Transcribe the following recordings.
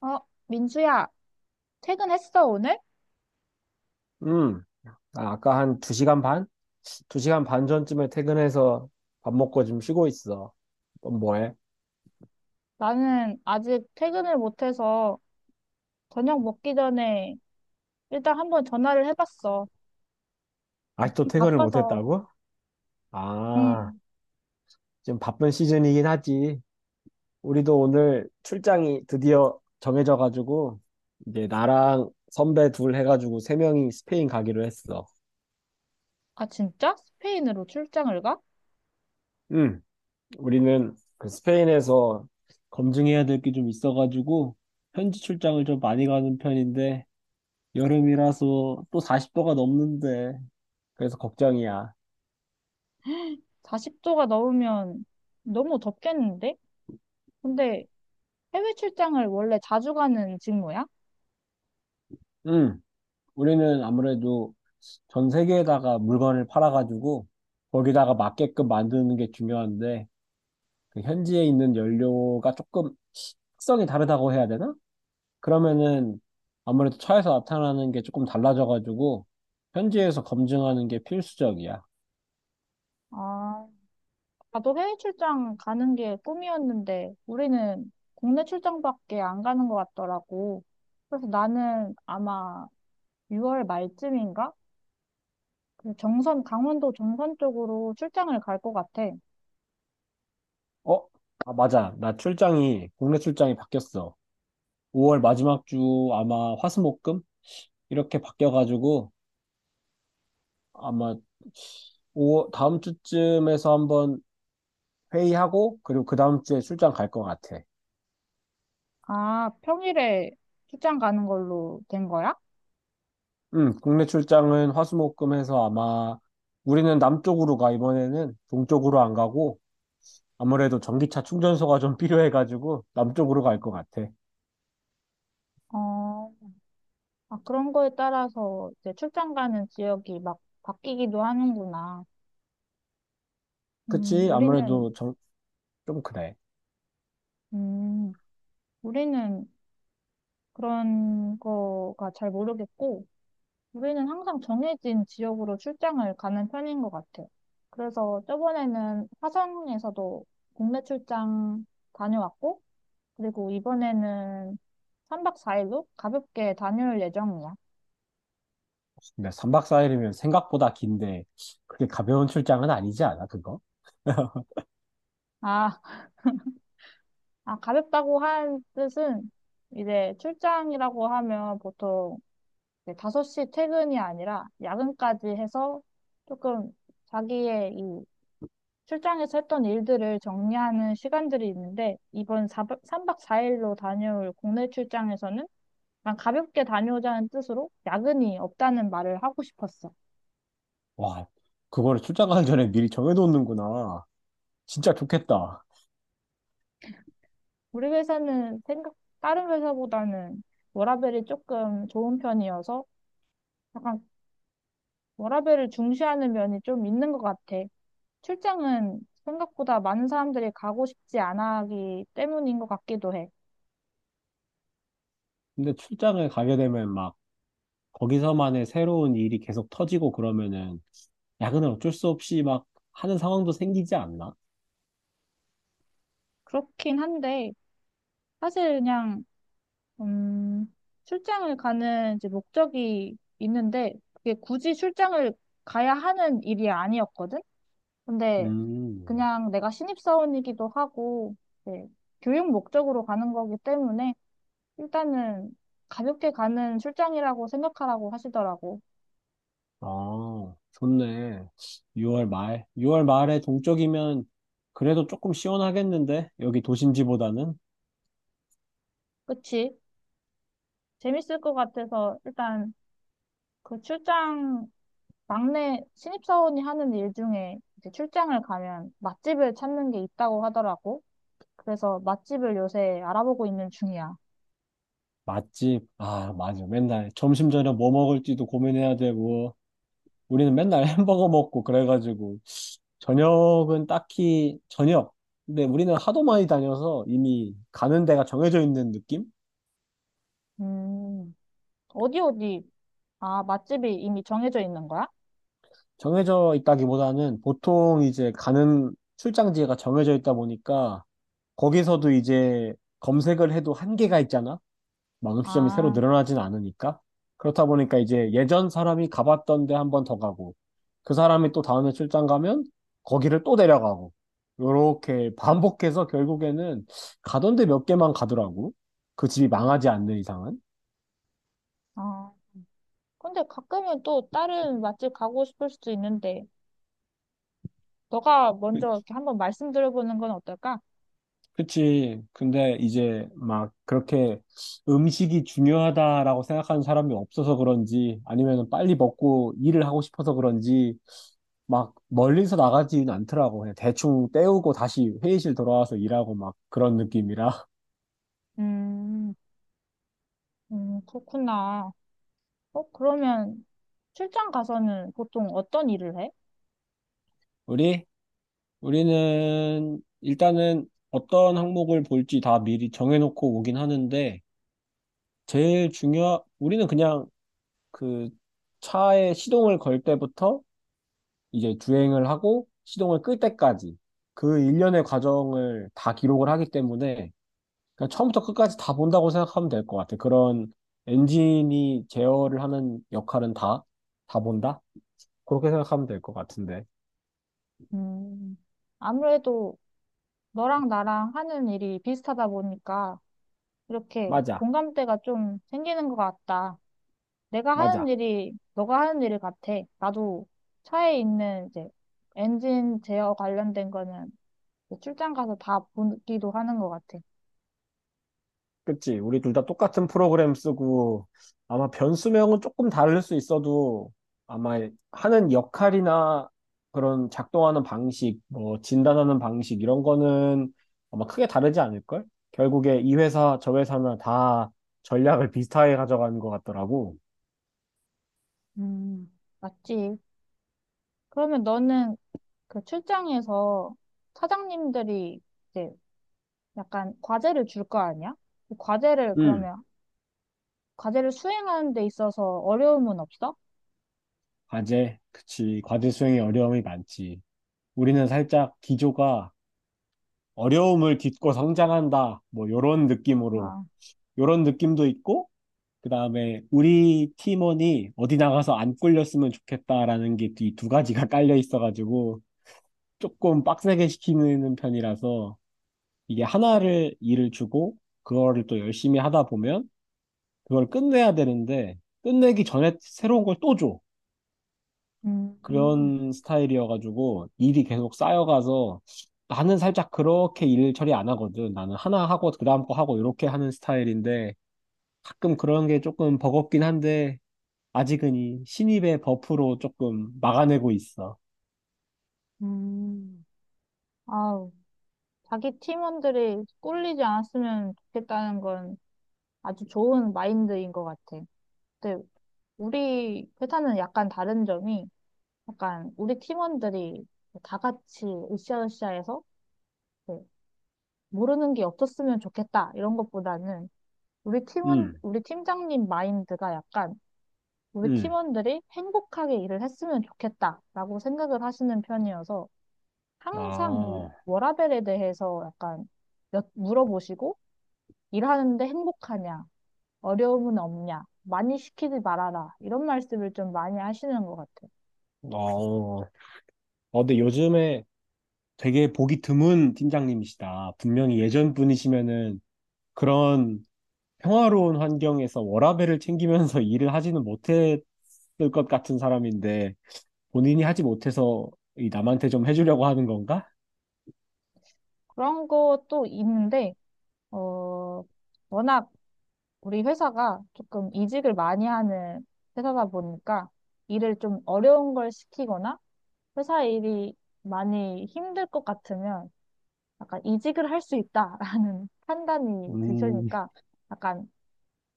어, 민수야, 퇴근했어, 오늘? 음, 아, 아까 한 2시간 반? 2시간 반 전쯤에 퇴근해서 밥 먹고 지금 쉬고 있어. 넌 뭐해? 나는 아직 퇴근을 못해서 저녁 먹기 전에 일단 한번 전화를 해봤어. 아직도 너무 퇴근을 못 바빠서. 했다고? 아, 응. 지금 바쁜 시즌이긴 하지. 우리도 오늘 출장이 드디어 정해져 가지고 이제 나랑 선배 둘 해가지고 세 명이 스페인 가기로 했어. 아, 진짜? 스페인으로 출장을 가? 응. 우리는 그 스페인에서 검증해야 될 게 좀 있어가지고 현지 출장을 좀 많이 가는 편인데 여름이라서 또 40도가 넘는데 그래서 걱정이야. 40도가 넘으면 너무 덥겠는데? 근데 해외 출장을 원래 자주 가는 직무야? 응, 우리는 아무래도 전 세계에다가 물건을 팔아가지고 거기다가 맞게끔 만드는 게 중요한데 그 현지에 있는 연료가 조금 특성이 다르다고 해야 되나? 그러면은 아무래도 차에서 나타나는 게 조금 달라져가지고 현지에서 검증하는 게 필수적이야. 아, 나도 해외 출장 가는 게 꿈이었는데 우리는 국내 출장밖에 안 가는 것 같더라고. 그래서 나는 아마 6월 말쯤인가? 그 정선, 강원도 정선 쪽으로 출장을 갈 것 같아. 어? 아, 맞아. 나 출장이 국내 출장이 바뀌었어. 5월 마지막 주 아마 화수목금 이렇게 바뀌어가지고 아마 오, 다음 주쯤에서 한번 회의하고, 그리고 그 다음 주에 출장 갈 것 같아. 아, 평일에 출장 가는 걸로 된 거야? 응, 국내 출장은 화수목금 해서 아마 우리는 남쪽으로 가, 이번에는 동쪽으로 안 가고, 아무래도 전기차 충전소가 좀 필요해가지고, 남쪽으로 갈 것 같아. 어, 아, 그런 거에 따라서 이제 출장 가는 지역이 막 바뀌기도 하는구나. 음, 그치? 우리는, 아무래도 좀 그래. 음, 우리는 그런 거가 잘 모르겠고, 우리는 항상 정해진 지역으로 출장을 가는 편인 것 같아. 그래서 저번에는 화성에서도 국내 출장 다녀왔고, 그리고 이번에는 3박 4일로 가볍게 다녀올 예정이야. 근데 3박 4일이면 생각보다 긴데, 그게 가벼운 출장은 아니지 않아, 그거? 아, 아, 가볍다고 한 뜻은 이제 출장이라고 하면 보통 이제 5시 퇴근이 아니라 야근까지 해서 조금 자기의 이 출장에서 했던 일들을 정리하는 시간들이 있는데 이번 3박 4일로 다녀올 국내 출장에서는 그냥 가볍게 다녀오자는 뜻으로 야근이 없다는 말을 하고 싶었어. 와, 그거를 출장 가기 전에 미리 정해놓는구나. 진짜 좋겠다. 우리 회사는 생각, 다른 회사보다는 워라밸이 조금 좋은 편이어서 약간 워라밸을 중시하는 면이 좀 있는 것 같아. 출장은 생각보다 많은 사람들이 가고 싶지 않아 하기 때문인 것 같기도 해. 근데 출장을 가게 되면 막 거기서만의 새로운 일이 계속 터지고 그러면은 야근을 어쩔 수 없이 막 하는 상황도 생기지 않나? 그렇긴 한데, 사실 그냥, 음, 출장을 가는 이제 목적이 있는데, 그게 굳이 출장을 가야 하는 일이 아니었거든? 근데 음, 그냥 내가 신입사원이기도 하고, 네, 교육 목적으로 가는 거기 때문에 일단은 가볍게 가는 출장이라고 생각하라고 하시더라고. 아, 좋네. 6월 말. 6월 말에 동쪽이면 그래도 조금 시원하겠는데? 여기 도심지보다는? 그치? 재밌을 것 같아서 일단 그 출장, 막내 신입사원이 하는 일 중에 이제 출장을 가면 맛집을 찾는 게 있다고 하더라고. 그래서 맛집을 요새 알아보고 있는 중이야. 맛집. 아, 맞아. 맨날 점심 저녁 뭐 먹을지도 고민해야 되고. 우리는 맨날 햄버거 먹고 그래가지고 저녁은 딱히 저녁. 근데 우리는 하도 많이 다녀서 이미 가는 데가 정해져 있는 느낌? 음, 어디 어디? 아, 맛집이 이미 정해져 있는 거야? 정해져 있다기보다는 보통 이제 가는 출장지가 정해져 있다 보니까 거기서도 이제 검색을 해도 한계가 있잖아. 만시점이 새로 아, 늘어나진 않으니까. 그렇다 보니까 이제 예전 사람이 가봤던 데 한 번 더 가고, 그 사람이 또 다음에 출장 가면 거기를 또 데려가고, 요렇게 반복해서 결국에는 가던 데 몇 개만 가더라고. 그 집이 망하지 않는 이상은. 어. 근데 가끔은 또 다른 맛집 가고 싶을 수도 있는데, 너가 그, 먼저 이렇게 한번 말씀드려보는 건 어떨까? 그치. 근데 이제 막 그렇게 음식이 중요하다라고 생각하는 사람이 없어서 그런지, 아니면 빨리 먹고 일을 하고 싶어서 그런지, 막 멀리서 나가지는 않더라고. 그냥 대충 때우고 다시 회의실 돌아와서 일하고 막 그런 느낌이라. 음, 그렇구나. 어, 그러면 출장 가서는 보통 어떤 일을 해? 우리? 우리는 일단은 어떤 항목을 볼지 다 미리 정해놓고 오긴 하는데, 우리는 그냥 그 차에 시동을 걸 때부터 이제 주행을 하고 시동을 끌 때까지 그 일련의 과정을 다 기록을 하기 때문에 그러니까 처음부터 끝까지 다 본다고 생각하면 될 것 같아. 그런 엔진이 제어를 하는 역할은 다 본다? 그렇게 생각하면 될 것 같은데. 음, 아무래도 너랑 나랑 하는 일이 비슷하다 보니까 이렇게 맞아, 공감대가 좀 생기는 것 같다. 내가 하는 맞아. 일이 너가 하는 일 같아. 나도 차에 있는 이제 엔진 제어 관련된 거는 출장 가서 다 보기도 하는 것 같아. 그치? 우리 둘 다 똑같은 프로그램 쓰고, 아마 변수명은 조금 다를 수 있어도, 아마 하는 역할이나 그런 작동하는 방식, 뭐, 진단하는 방식, 이런 거는 아마 크게 다르지 않을걸? 결국에 이 회사, 저 회사나 다 전략을 비슷하게 가져가는 것 같더라고. 음. 맞지? 그러면 너는 그 출장에서 사장님들이 이제 약간 과제를 줄 거 아니야? 그 과제를 음. 그러면 과제를 수행하는 데 있어서 어려움은 없어? 과제, 그치. 과제 수행에 어려움이 많지. 우리는 살짝 기조가 어려움을 딛고 성장한다. 뭐, 요런 느낌으로. 아, 요런 느낌도 있고, 그 다음에 우리 팀원이 어디 나가서 안 꿀렸으면 좋겠다라는 게 이 두 가지가 깔려 있어가지고 조금 빡세게 시키는 편이라서 이게 하나를 일을 주고 그거를 또 열심히 하다 보면 그걸 끝내야 되는데 끝내기 전에 새로운 걸 또 줘. 음. 그런 스타일이어가지고 일이 계속 쌓여가서 나는 살짝 그렇게 일 처리 안 하거든. 나는 하나 하고 그다음 거 하고 이렇게 하는 스타일인데 가끔 그런 게 조금 버겁긴 한데 아직은 이 신입의 버프로 조금 막아내고 있어. 음. 아우, 자기 팀원들이 꿀리지 않았으면 좋겠다는 건 아주 좋은 마인드인 것 같아. 근데 우리 회사는 약간 다른 점이 약간 우리 팀원들이 다 같이 으쌰으쌰해서 뭐 모르는 게 없었으면 좋겠다 이런 것보다는 우리 팀원 음, 우리 팀장님 마인드가 약간 우리 음. 팀원들이 행복하게 일을 했으면 좋겠다라고 생각을 하시는 편이어서 아, 항상 이 어. 워라밸에 대해서 약간 물어보시고 일하는데 행복하냐 어려움은 없냐 많이 시키지 말아라 이런 말씀을 좀 많이 하시는 것 같아요. 어, 근데 요즘에 되게 보기 드문 팀장님이시다. 분명히 예전 분이시면은 그런 평화로운 환경에서 워라밸을 챙기면서 일을 하지는 못했을 것 같은 사람인데 본인이 하지 못해서 이 남한테 좀 해주려고 하는 건가? 그런 것도 있는데 어 워낙 우리 회사가 조금 이직을 많이 하는 회사다 보니까 일을 좀 어려운 걸 시키거나 회사 일이 많이 힘들 것 같으면 약간 이직을 할 수 있다라는 판단이 음, 드시니까 약간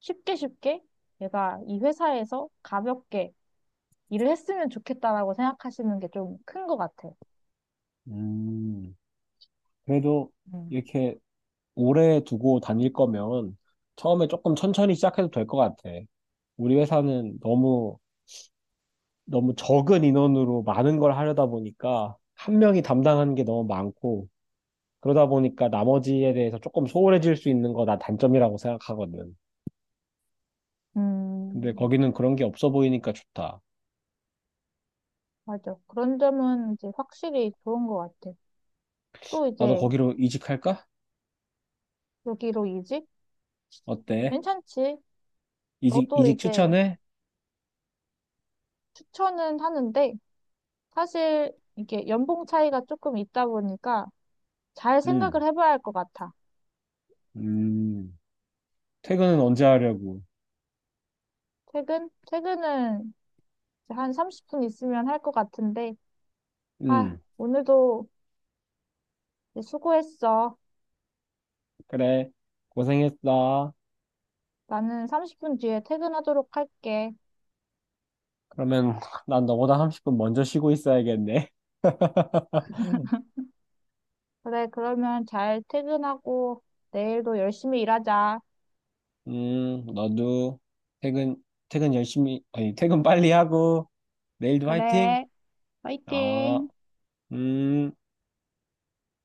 쉽게 쉽게 얘가 이 회사에서 가볍게 일을 했으면 좋겠다라고 생각하시는 게 좀 큰 것 같아. 음. 그래도 음. 이렇게 오래 두고 다닐 거면 처음에 조금 천천히 시작해도 될 것 같아. 우리 회사는 너무 너무 적은 인원으로 많은 걸 하려다 보니까 한 명이 담당하는 게 너무 많고 그러다 보니까 나머지에 대해서 조금 소홀해질 수 있는 거 나 단점이라고 생각하거든. 근데 음, 거기는 그런 게 없어 보이니까 좋다. 맞아. 그런 점은 이제 확실히 좋은 것 같아. 또 나도 이제 거기로 이직할까? 여기로 이직? 어때? 괜찮지. 이직, 너도 이직 이제 추천해? 추천은 하는데 사실 이게 연봉 차이가 조금 있다 보니까 잘 생각을 응. 해봐야 할 것 같아. 음, 퇴근은 언제 하려고? 퇴근? 퇴근은 이제 한 30분 있으면 할 것 같은데 아, 응. 오늘도 이제 수고했어. 그래. 고생했어. 나는 30분 뒤에 퇴근하도록 할게. 그러면 난 너보다 30분 먼저 쉬고 있어야겠네. 그래, 그러면 잘 퇴근하고 내일도 열심히 일하자. 너도 퇴근, 퇴근 열심히, 아니, 퇴근 빨리 하고, 내일도 화이팅! 그래, 아, 화이팅! 음.